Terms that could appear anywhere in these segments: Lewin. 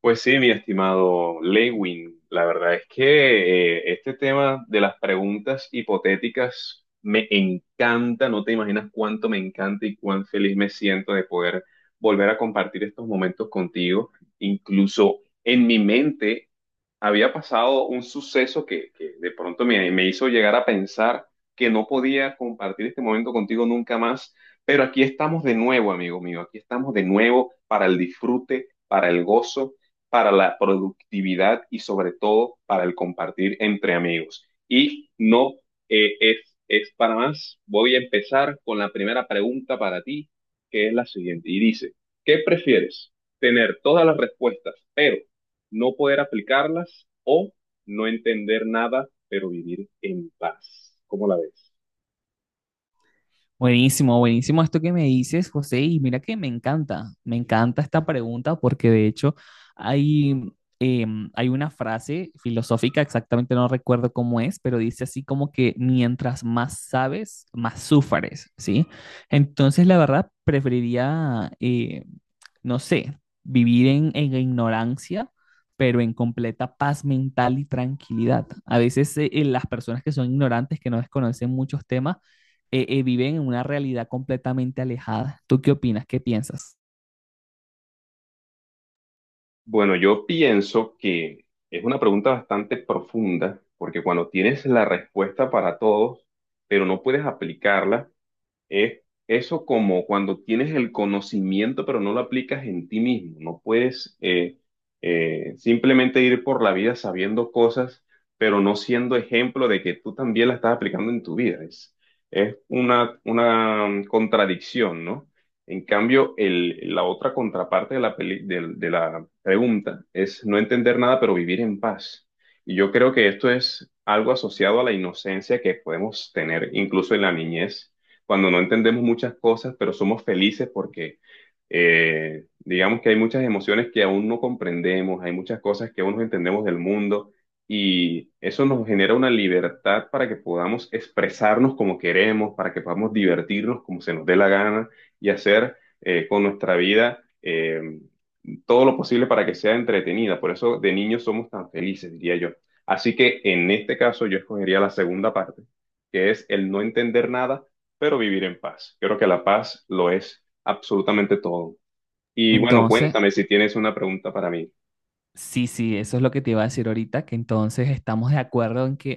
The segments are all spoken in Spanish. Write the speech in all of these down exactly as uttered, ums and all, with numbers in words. Pues sí, mi estimado Lewin, la verdad es que eh, este tema de las preguntas hipotéticas me encanta, no te imaginas cuánto me encanta y cuán feliz me siento de poder volver a compartir estos momentos contigo. Incluso en mi mente había pasado un suceso que, que de pronto me, me hizo llegar a pensar que no podía compartir este momento contigo nunca más, pero aquí estamos de nuevo, amigo mío, aquí estamos de nuevo para el disfrute, para el gozo, para la productividad y sobre todo para el compartir entre amigos. Y no eh, es, es para más, voy a empezar con la primera pregunta para ti, que es la siguiente, y dice, ¿qué prefieres? ¿Tener todas las respuestas, pero no poder aplicarlas o no entender nada, pero vivir en paz? ¿Cómo la ves? Buenísimo, buenísimo esto que me dices, José, y mira que me encanta, me encanta esta pregunta porque de hecho hay, em, hay una frase filosófica, exactamente no recuerdo cómo es, pero dice así como que mientras más sabes, más sufres, ¿sí? Entonces la verdad preferiría, eh, no sé, vivir en, en ignorancia, pero en completa paz mental y tranquilidad. A veces eh, las personas que son ignorantes, que no desconocen muchos temas, eh, eh, viven en una realidad completamente alejada. ¿Tú qué opinas? ¿Qué piensas? Bueno, yo pienso que es una pregunta bastante profunda, porque cuando tienes la respuesta para todos, pero no puedes aplicarla, es eso como cuando tienes el conocimiento pero no lo aplicas en ti mismo. No puedes eh, eh, simplemente ir por la vida sabiendo cosas, pero no siendo ejemplo de que tú también la estás aplicando en tu vida. Es, es una, una mm, contradicción, ¿no? En cambio, el, la otra contraparte de la, peli- del- de la pregunta es no entender nada pero vivir en paz. Y yo creo que esto es algo asociado a la inocencia que podemos tener incluso en la niñez cuando no entendemos muchas cosas, pero somos felices porque eh, digamos que hay muchas emociones que aún no comprendemos, hay muchas cosas que aún no entendemos del mundo y eso nos genera una libertad para que podamos expresarnos como queremos, para que podamos divertirnos como se nos dé la gana y hacer eh, con nuestra vida eh, todo lo posible para que sea entretenida. Por eso de niños somos tan felices, diría yo. Así que en este caso yo escogería la segunda parte, que es el no entender nada, pero vivir en paz. Yo creo que la paz lo es absolutamente todo. Y bueno, Entonces, cuéntame si tienes una pregunta para mí. sí, sí, eso es lo que te iba a decir ahorita, que entonces estamos de acuerdo en que,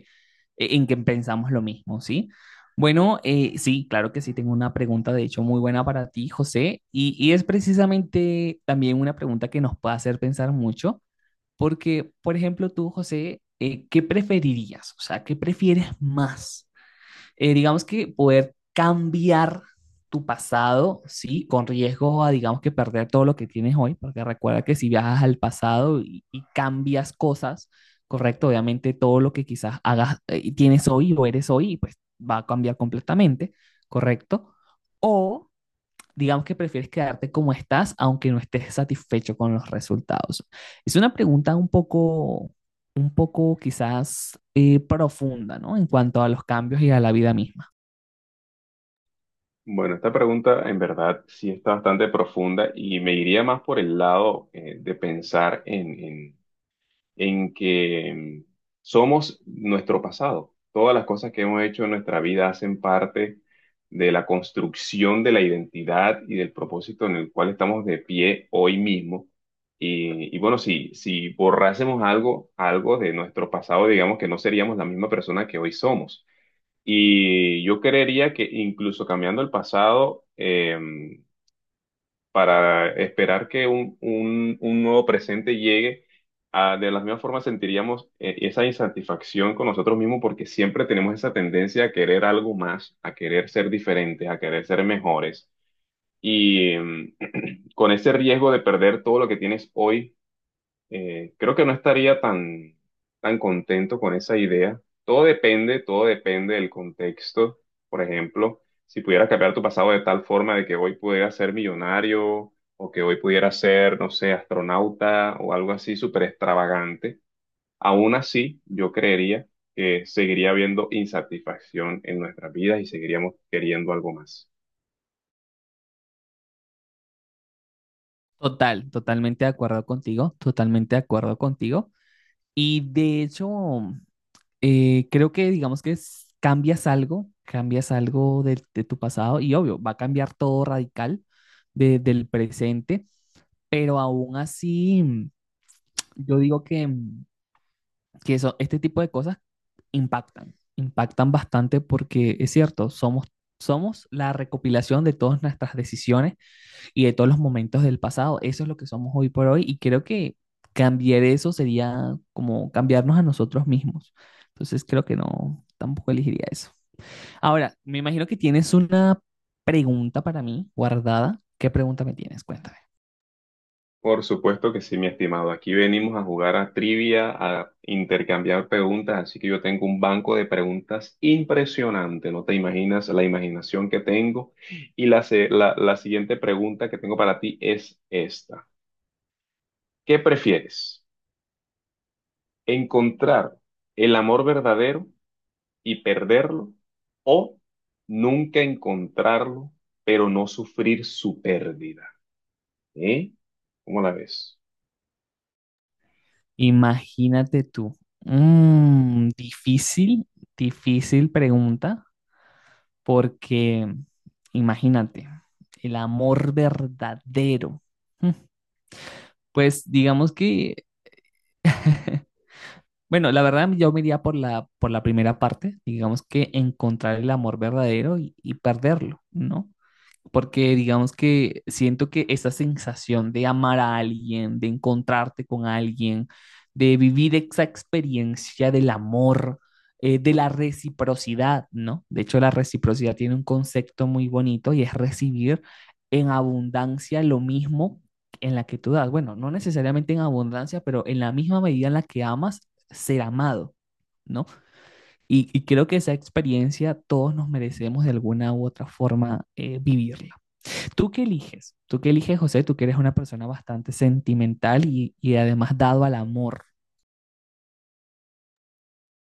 eh, en que pensamos lo mismo, ¿sí? Bueno, eh, sí, claro que sí, tengo una pregunta de hecho muy buena para ti, José, y, y es precisamente también una pregunta que nos puede hacer pensar mucho, porque, por ejemplo, tú, José, eh, ¿qué preferirías? O sea, ¿qué prefieres más? Eh, digamos que poder cambiar tu pasado, ¿sí? Con riesgo a, digamos que perder todo lo que tienes hoy, porque recuerda que si viajas al pasado y, y cambias cosas, correcto, obviamente todo lo que quizás hagas eh, y tienes hoy o eres hoy, pues va a cambiar completamente, correcto. O digamos que prefieres quedarte como estás, aunque no estés satisfecho con los resultados. Es una pregunta un poco, un poco quizás eh, profunda, ¿no? En cuanto a los cambios y a la vida misma. Bueno, esta pregunta en verdad sí está bastante profunda y me iría más por el lado eh, de pensar en, en en que mm, somos nuestro pasado. Todas las cosas que hemos hecho en nuestra vida hacen parte de la construcción de la identidad y del propósito en el cual estamos de pie hoy mismo. Y, y bueno, si, si borrásemos algo, algo de nuestro pasado, digamos que no seríamos la misma persona que hoy somos. Y yo creería que incluso cambiando el pasado, eh, para esperar que un, un- un nuevo presente llegue, ah, de la misma forma sentiríamos eh, esa insatisfacción con nosotros mismos porque siempre tenemos esa tendencia a querer algo más, a querer ser diferentes, a querer ser mejores. Y mm, con ese riesgo de perder todo lo que tienes hoy, eh, creo que no estaría tan, tan contento con esa idea. Todo depende, todo depende del contexto. Por ejemplo, si pudieras cambiar tu pasado de tal forma de que hoy pudieras ser millonario o que hoy pudieras ser, no sé, astronauta o algo así súper extravagante, aún así yo creería que seguiría habiendo insatisfacción en nuestras vidas y seguiríamos queriendo algo más. Total, totalmente de acuerdo contigo, totalmente de acuerdo contigo. Y de hecho, eh, creo que digamos que es- cambias algo, cambias algo del- de, tu pasado y obvio, va a cambiar todo radical de- del presente, pero aún así, mm, yo digo que, mm, que eso, este tipo de cosas impactan, impactan bastante porque es cierto, somos, somos la recopilación de todas nuestras decisiones y de todos los momentos del pasado. Eso es lo que somos hoy por hoy y creo que cambiar eso sería como cambiarnos a nosotros mismos. Entonces creo que no, tampoco elegiría eso. Ahora, me imagino que tienes una pregunta para mí guardada. ¿Qué pregunta me tienes? Cuéntame. Por supuesto que sí, mi estimado. Aquí venimos a jugar a trivia, a intercambiar preguntas, así que yo tengo un banco de preguntas impresionante. No te imaginas la imaginación que tengo. Y la, se- la, la siguiente pregunta que tengo para ti es esta. ¿Qué prefieres? ¿Encontrar el amor verdadero y perderlo? ¿O nunca encontrarlo, pero no sufrir su pérdida? ¿Eh? ¿Cómo la ves? Imagínate tú. Mm, difícil, difícil pregunta porque imagínate, el amor verdadero. Mm. Pues digamos que bueno, la verdad yo me iría por la, por la primera parte, digamos que encontrar el amor verdadero y, y perderlo, ¿no? Porque digamos que siento que esa sensación de amar a alguien, de encontrarte con alguien, de vivir esa experiencia del amor, eh, de la reciprocidad, ¿no? De hecho, la reciprocidad tiene un concepto muy bonito y es recibir en abundancia lo mismo en la que tú das. Bueno, no necesariamente en abundancia, pero en la misma medida en la que amas, ser amado, ¿no? Y, y creo que esa experiencia todos nos merecemos de alguna u otra forma eh, vivirla. ¿Tú qué eliges? ¿Tú qué eliges, José? Tú que eres una persona bastante sentimental y, y además dado al amor.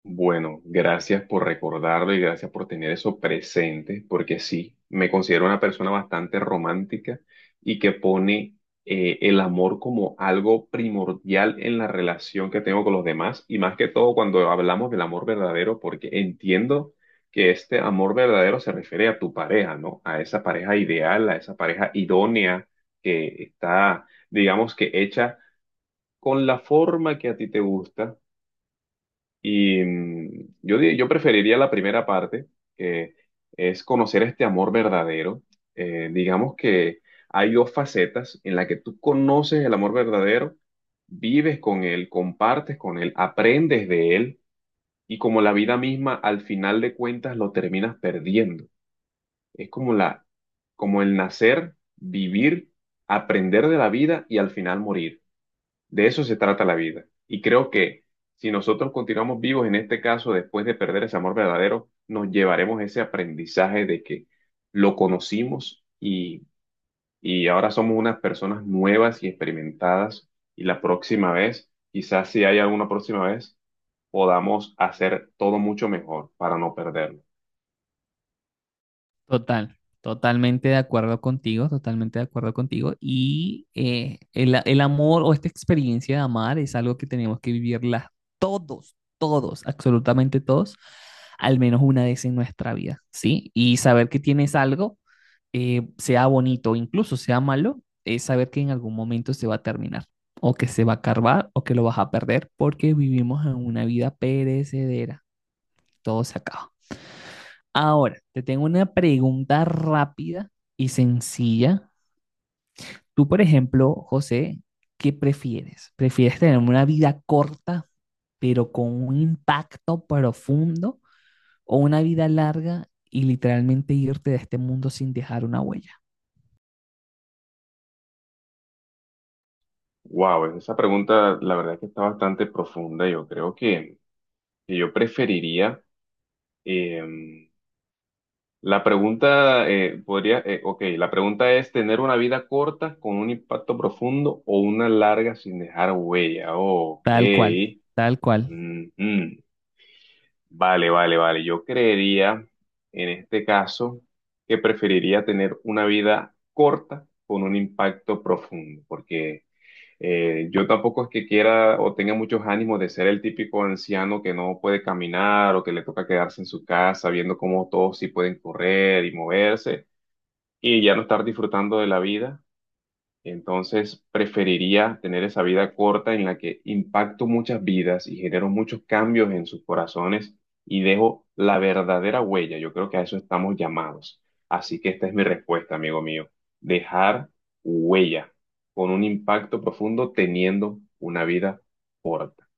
Bueno, gracias por recordarlo y gracias por tener eso presente, porque sí, me considero una persona bastante romántica y que pone eh, el amor como algo primordial en la relación que tengo con los demás y más que todo cuando hablamos del amor verdadero, porque entiendo que este amor verdadero se refiere a tu pareja, ¿no? A esa pareja ideal, a esa pareja idónea que está, digamos que hecha con la forma que a ti te gusta y mm, yo, di- yo preferiría la primera parte, que es conocer este amor verdadero. Eh, digamos que hay dos facetas en la que tú conoces el amor verdadero, vives con él, compartes con él, aprendes de él y como la vida misma, al final de cuentas lo terminas perdiendo. Es como la, como el nacer, vivir, aprender de la vida y al final morir. De eso se trata la vida. Y creo que si nosotros continuamos vivos en este caso, después de perder ese amor verdadero, nos llevaremos ese aprendizaje de que lo conocimos y, y ahora somos unas personas nuevas y experimentadas. Y la próxima vez, quizás si hay alguna próxima vez, podamos hacer todo mucho mejor para no perderlo. Total, totalmente de acuerdo contigo, totalmente de acuerdo contigo. Y eh, el, el amor o esta experiencia de amar es algo que tenemos que vivirla todos, todos, absolutamente todos, al menos una vez en nuestra vida, ¿sí? Y saber que tienes algo eh, sea bonito, incluso sea malo, es saber que en algún momento se va a terminar, o que se va a carvar, o que lo vas a perder, porque vivimos en una vida perecedera, todo se acaba. Ahora, te tengo una pregunta rápida y sencilla. Tú, por ejemplo, José, ¿qué prefieres? ¿Prefieres tener una vida corta, pero con un impacto profundo, o una vida larga y literalmente irte de este mundo sin dejar una huella? Wow, esa pregunta la verdad que está bastante profunda. Yo creo que, que yo preferiría... em, la pregunta eh, podría, eh, ok, la pregunta es tener una vida corta con un impacto profundo o una larga sin dejar huella. Ok. Tal cual, tal cual. Mm, mm. Vale, vale, vale. Yo creería en este caso que preferiría tener una vida corta con un impacto profundo, porque eh, yo tampoco es que quiera o tenga muchos ánimos de ser el típico anciano que no puede caminar o que le toca quedarse en su casa viendo cómo todos sí pueden correr y moverse y ya no estar disfrutando de la vida. Entonces, preferiría tener esa vida corta en la que impacto muchas vidas y genero muchos cambios en sus corazones y dejo la verdadera huella. Yo creo que a eso estamos llamados. Así que esta es mi respuesta, amigo mío. Dejar huella con un impacto profundo teniendo una vida corta.